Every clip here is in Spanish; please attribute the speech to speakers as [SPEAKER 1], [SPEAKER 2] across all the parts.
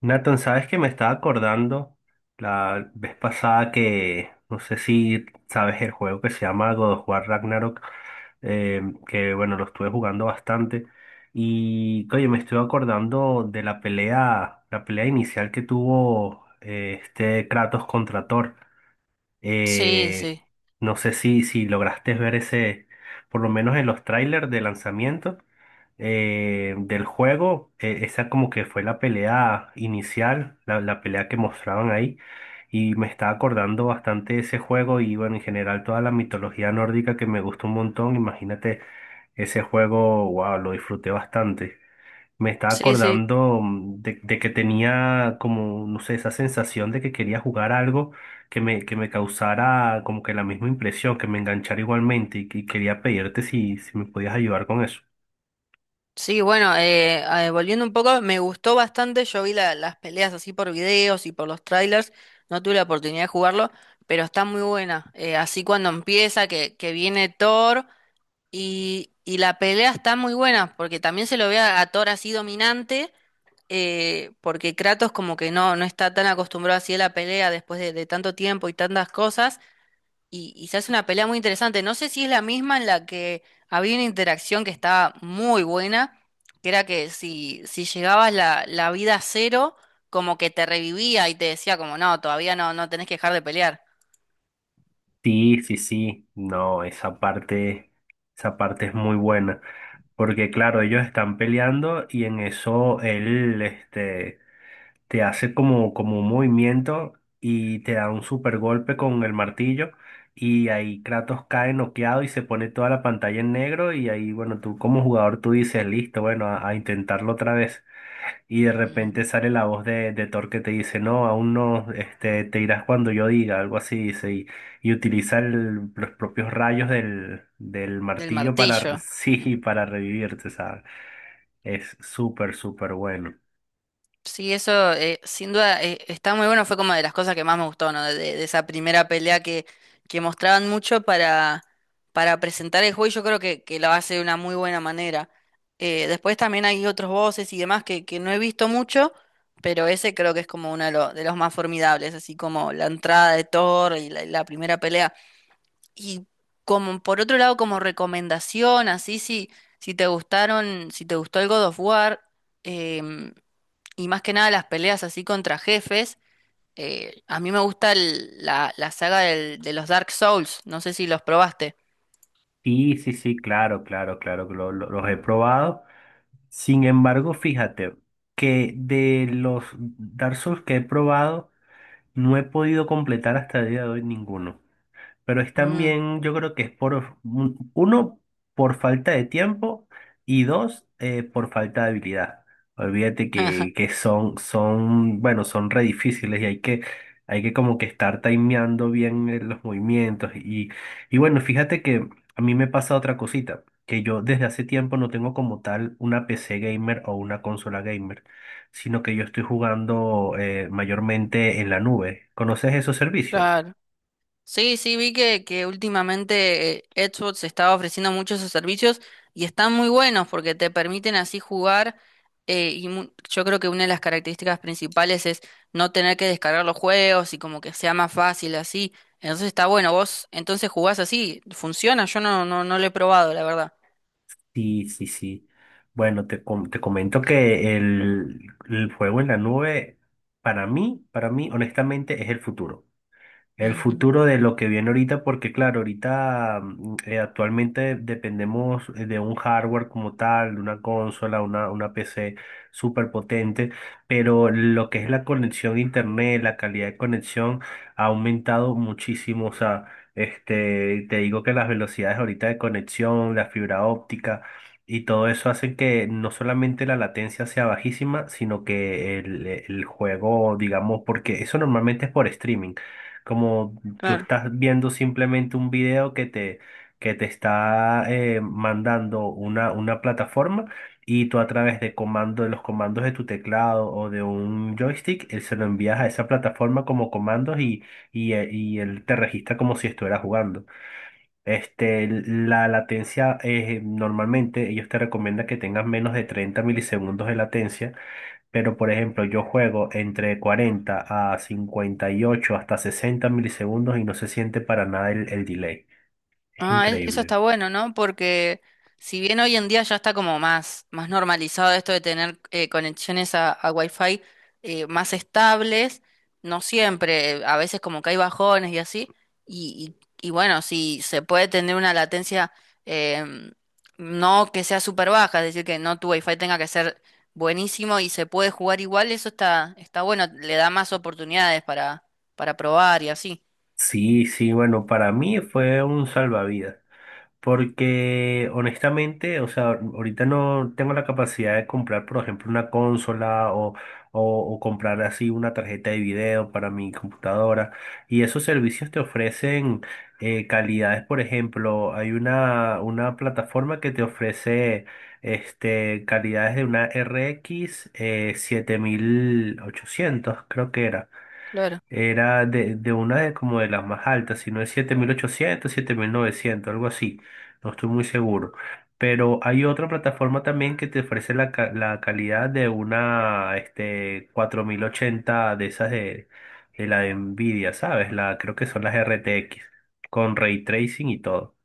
[SPEAKER 1] Nathan, sabes que me estaba acordando la vez pasada que, no sé si sabes el juego que se llama God of War Ragnarok. eh, que bueno, lo estuve jugando bastante. Y oye, me estoy acordando de la pelea inicial que tuvo, este Kratos contra Thor.
[SPEAKER 2] Sí,
[SPEAKER 1] Eh,
[SPEAKER 2] sí,
[SPEAKER 1] no sé si lograste ver ese, por lo menos en los trailers de lanzamiento del juego. Esa como que fue la pelea inicial, la pelea que mostraban ahí. Y me estaba acordando bastante de ese juego y, bueno, en general toda la mitología nórdica que me gustó un montón. Imagínate, ese juego, wow, lo disfruté bastante. Me estaba
[SPEAKER 2] sí, sí.
[SPEAKER 1] acordando, de que tenía como, no sé, esa sensación de que quería jugar algo que me, causara como que la misma impresión, que me enganchara igualmente, y quería pedirte si me podías ayudar con eso.
[SPEAKER 2] Sí, bueno, volviendo un poco, me gustó bastante. Yo vi las peleas así por videos y por los trailers. No tuve la oportunidad de jugarlo, pero está muy buena. Así cuando empieza, que viene Thor y la pelea está muy buena, porque también se lo ve a Thor así dominante, porque Kratos como que no está tan acostumbrado así a la pelea después de tanto tiempo y tantas cosas. Y se hace una pelea muy interesante. No sé si es la misma en la que había una interacción que estaba muy buena, que era que si llegabas la vida a cero, como que te revivía y te decía como, no, todavía no tenés que dejar de pelear.
[SPEAKER 1] Sí, sí, sí, no, esa parte es muy buena, porque claro, ellos están peleando, y en eso él, te hace como, un movimiento y te da un super golpe con el martillo, y ahí Kratos cae noqueado y se pone toda la pantalla en negro. Y ahí, bueno, tú como jugador, tú dices, listo, bueno, a intentarlo otra vez. Y de
[SPEAKER 2] Mm,
[SPEAKER 1] repente sale la voz de, Thor que te dice, no, aún no, te irás cuando yo diga, algo así, dice. Y utiliza los propios rayos del
[SPEAKER 2] Del
[SPEAKER 1] martillo para,
[SPEAKER 2] martillo. Mm.
[SPEAKER 1] sí, para revivirte, ¿sabes? Es súper, súper bueno.
[SPEAKER 2] Sí, eso sin duda está muy bueno, fue como de las cosas que más me gustó, ¿no? De esa primera pelea que mostraban mucho para presentar el juego y yo creo que lo hace de una muy buena manera. Después también hay otros voces y demás que no he visto mucho, pero ese creo que es como uno de los más formidables, así como la entrada de Thor y la primera pelea. Y como por otro lado, como recomendación, así si te gustaron, si te gustó el God of War. em, y más que nada las peleas así contra jefes. A mí me gusta la saga de los Dark Souls. No sé si los probaste.
[SPEAKER 1] Y sí, sí, claro, claro, claro, que los he probado. Sin embargo, fíjate que de los Dark Souls que he probado, no he podido completar hasta el día de hoy ninguno. Pero es
[SPEAKER 2] Mm,
[SPEAKER 1] también, yo creo que es por, uno, por falta de tiempo, y dos, por falta de habilidad. Olvídate que, son, bueno, son re difíciles y hay que, como que estar timeando bien los movimientos. Y bueno, fíjate que a mí me pasa otra cosita, que yo desde hace tiempo no tengo como tal una PC gamer o una consola gamer, sino que yo estoy jugando mayormente en la nube. ¿Conoces esos servicios?
[SPEAKER 2] Claro. Sí, sí, vi que últimamente Xbox estaba ofreciendo muchos esos servicios y están muy buenos porque te permiten así jugar yo creo que una de las características principales es no tener que descargar los juegos y como que sea más fácil así. Entonces está bueno, vos entonces jugás así, funciona, yo no lo he probado, la verdad.
[SPEAKER 1] Sí, sí, sí. Bueno, te, te comento que el juego en la nube, para mí, honestamente, es el futuro. El
[SPEAKER 2] Ujú.
[SPEAKER 1] futuro de lo que viene ahorita, porque claro, ahorita, actualmente dependemos, de un hardware como tal, de una consola, una, PC súper potente, pero lo que es la conexión a internet, la calidad de conexión ha aumentado muchísimo. O sea, te digo que las velocidades ahorita de conexión, la fibra óptica y todo eso hace que no solamente la latencia sea bajísima, sino que el juego, digamos, porque eso normalmente es por streaming, como tú
[SPEAKER 2] Claro.
[SPEAKER 1] estás viendo simplemente un video que te, está mandando una, plataforma, y tú a través de comando, de los comandos de tu teclado o de un joystick, él se lo envías a esa plataforma como comandos. Y él te registra como si estuvieras jugando. La latencia, normalmente ellos te recomiendan que tengas menos de 30 milisegundos de latencia, pero, por ejemplo, yo juego entre 40 a 58 hasta 60 milisegundos y no se siente para nada el delay. Es
[SPEAKER 2] Ah, eso
[SPEAKER 1] increíble.
[SPEAKER 2] está bueno, ¿no? Porque si bien hoy en día ya está como más, más normalizado esto de tener conexiones a Wi-Fi más estables, no siempre, a veces como que hay bajones y así, y, y bueno, si se puede tener una latencia em, no que sea súper baja, es decir, que no tu Wi-Fi tenga que ser buenísimo y se puede jugar igual, eso está, está bueno, le da más oportunidades para probar y así.
[SPEAKER 1] Sí, sí, bueno, para mí fue un salvavidas. Porque honestamente, o sea, ahorita no tengo la capacidad de comprar, por ejemplo, una consola, o, o comprar así una tarjeta de video para mi computadora. Y esos servicios te ofrecen calidades. Por ejemplo, hay una, plataforma que te ofrece, calidades de una RX, 7800, creo que era.
[SPEAKER 2] Claro.
[SPEAKER 1] Era de, una de como de las más altas. Si no es 7800, 7900, algo así. No estoy muy seguro. Pero hay otra plataforma también que te ofrece la, la calidad de una, 4080, de esas de, la de Nvidia, ¿sabes? Creo que son las RTX, con ray tracing y todo.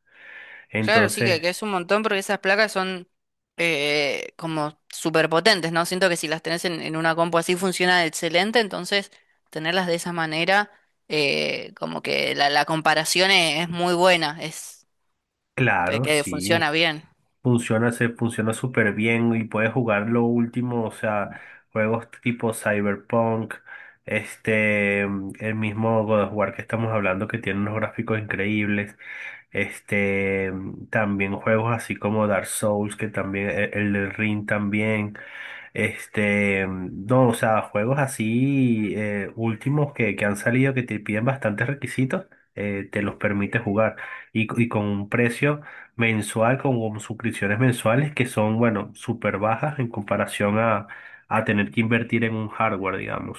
[SPEAKER 2] Claro, sí
[SPEAKER 1] Entonces,
[SPEAKER 2] que es un montón porque esas placas son como súper potentes, ¿no? Siento que si las tenés en una compu así funciona excelente, entonces tenerlas de esa manera, como que la comparación es muy buena, es
[SPEAKER 1] claro,
[SPEAKER 2] que funciona
[SPEAKER 1] sí.
[SPEAKER 2] bien.
[SPEAKER 1] Se funciona súper bien y puedes jugar lo último. O sea, juegos tipo Cyberpunk, el mismo God of War que estamos hablando, que tiene unos gráficos increíbles. este, También juegos así como Dark Souls, que también, el del Ring también. No, o sea, juegos así, últimos, que, han salido, que te piden bastantes requisitos, te los permite jugar. Y con un precio mensual, con, suscripciones mensuales que son, bueno, súper bajas en comparación a, tener que invertir en un hardware, digamos.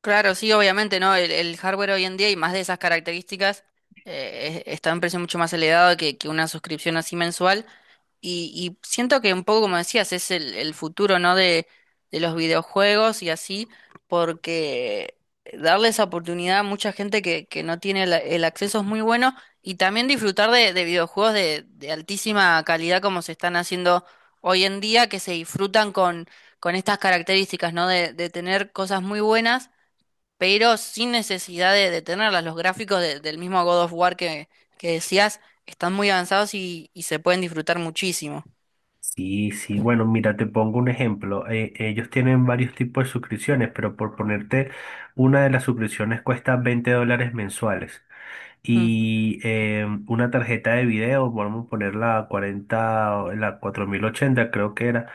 [SPEAKER 2] Claro, sí, obviamente, ¿no? El hardware hoy en día y más de esas características está a un precio mucho más elevado que una suscripción así mensual. Y siento que un poco, como decías, es el futuro, ¿no? De los videojuegos y así, porque darle esa oportunidad a mucha gente que no tiene el acceso es muy bueno y también disfrutar de videojuegos de altísima calidad como se están haciendo hoy en día, que se disfrutan con estas características, ¿no? De tener cosas muy buenas pero sin necesidad de tenerlas. Los gráficos del mismo God of War que decías están muy avanzados y se pueden disfrutar muchísimo.
[SPEAKER 1] Sí, sí, bueno, mira, te pongo un ejemplo. Ellos tienen varios tipos de suscripciones, pero por ponerte, una de las suscripciones cuesta $20 mensuales.
[SPEAKER 2] Ujú.
[SPEAKER 1] Y una tarjeta de video, vamos a poner la 40, o la 4080, creo que era,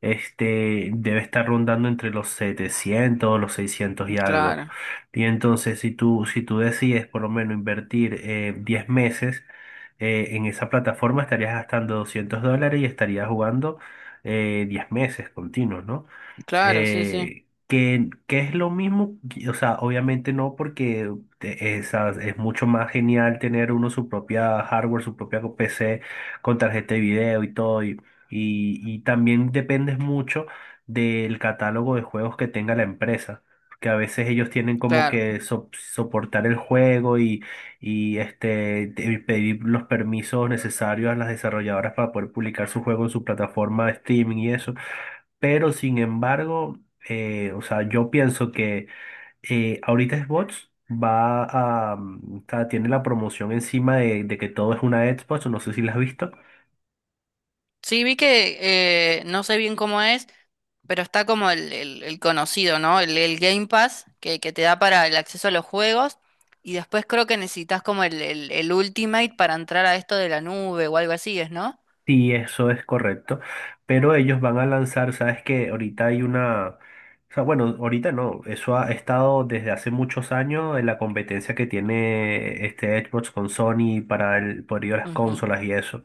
[SPEAKER 1] debe estar rondando entre los 700, los 600 y algo.
[SPEAKER 2] Claro,
[SPEAKER 1] Y entonces, si tú, decides por lo menos invertir, 10 meses, en esa plataforma, estarías gastando $200 y estarías jugando, 10 meses continuos, ¿no?
[SPEAKER 2] claro, sí, sí,
[SPEAKER 1] Que, es lo mismo. O sea, obviamente no, porque es, mucho más genial tener uno su propia hardware, su propia PC con tarjeta de video y todo. También dependes mucho del catálogo de juegos que tenga la empresa. Que a veces ellos tienen como
[SPEAKER 2] claro.
[SPEAKER 1] que soportar el juego, y pedir los permisos necesarios a las desarrolladoras para poder publicar su juego en su plataforma de streaming y eso. Pero sin embargo, o sea, yo pienso que, ahorita Xbox o sea, tiene la promoción encima de, que todo es una Xbox, no sé si la has visto.
[SPEAKER 2] Sí, vi que no sé bien cómo es, pero está como el conocido, ¿no? El Game Pass que te da para el acceso a los juegos. Y después creo que necesitas como el Ultimate para entrar a esto de la nube o algo así, ¿es, no?
[SPEAKER 1] Sí, eso es correcto. Pero ellos van a lanzar. Sabes que ahorita hay una, o sea, bueno, ahorita no, eso ha estado desde hace muchos años en la competencia que tiene este Xbox con Sony para el poder de las
[SPEAKER 2] Ujú.
[SPEAKER 1] consolas y eso.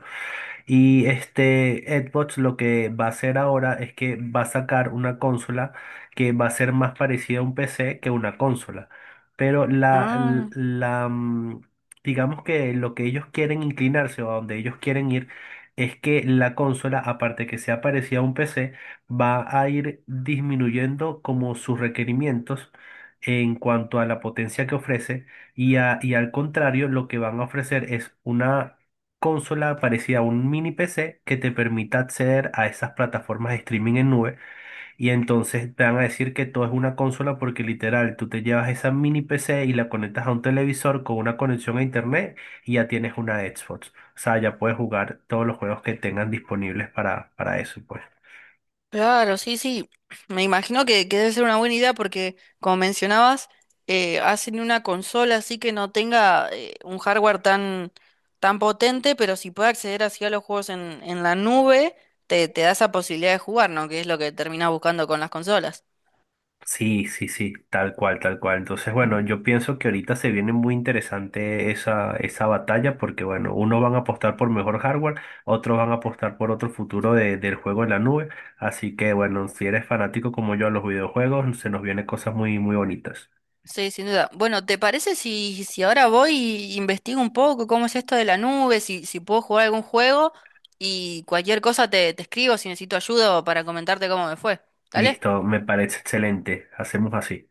[SPEAKER 1] Y este Xbox lo que va a hacer ahora es que va a sacar una consola que va a ser más parecida a un PC que una consola. Pero la, l-
[SPEAKER 2] Ah.
[SPEAKER 1] la, mm, digamos que lo que ellos quieren inclinarse, o a donde ellos quieren ir, es que la consola, aparte que sea parecida a un PC, va a ir disminuyendo como sus requerimientos en cuanto a la potencia que ofrece. Y al contrario, lo que van a ofrecer es una consola parecida a un mini PC que te permita acceder a esas plataformas de streaming en nube. Y entonces te van a decir que todo es una consola, porque literal tú te llevas esa mini PC y la conectas a un televisor con una conexión a internet, y ya tienes una Xbox. O sea, ya puedes jugar todos los juegos que tengan disponibles para, eso, pues.
[SPEAKER 2] Claro, sí, sí. Me imagino que debe ser una buena idea porque, como mencionabas, hacen una consola así que no tenga un hardware tan, tan potente, pero si puede acceder así a los juegos en la nube, te da esa posibilidad de jugar, ¿no? Que es lo que terminas buscando con las consolas.
[SPEAKER 1] Sí, sí, sí, tal cual, tal cual. Entonces, bueno, yo pienso que ahorita se viene muy interesante esa, batalla, porque, bueno, unos van a apostar por mejor hardware, otros van a apostar por otro futuro del juego en la nube. Así que, bueno, si eres fanático como yo a los videojuegos, se nos vienen cosas muy, muy bonitas.
[SPEAKER 2] Sí, sin duda. Bueno, ¿te parece si ahora voy y investigo un poco cómo es esto de la nube, si puedo jugar algún juego y cualquier cosa te escribo si necesito ayuda o para comentarte cómo me fue? ¿Dale?
[SPEAKER 1] Listo, me parece excelente. Hacemos así.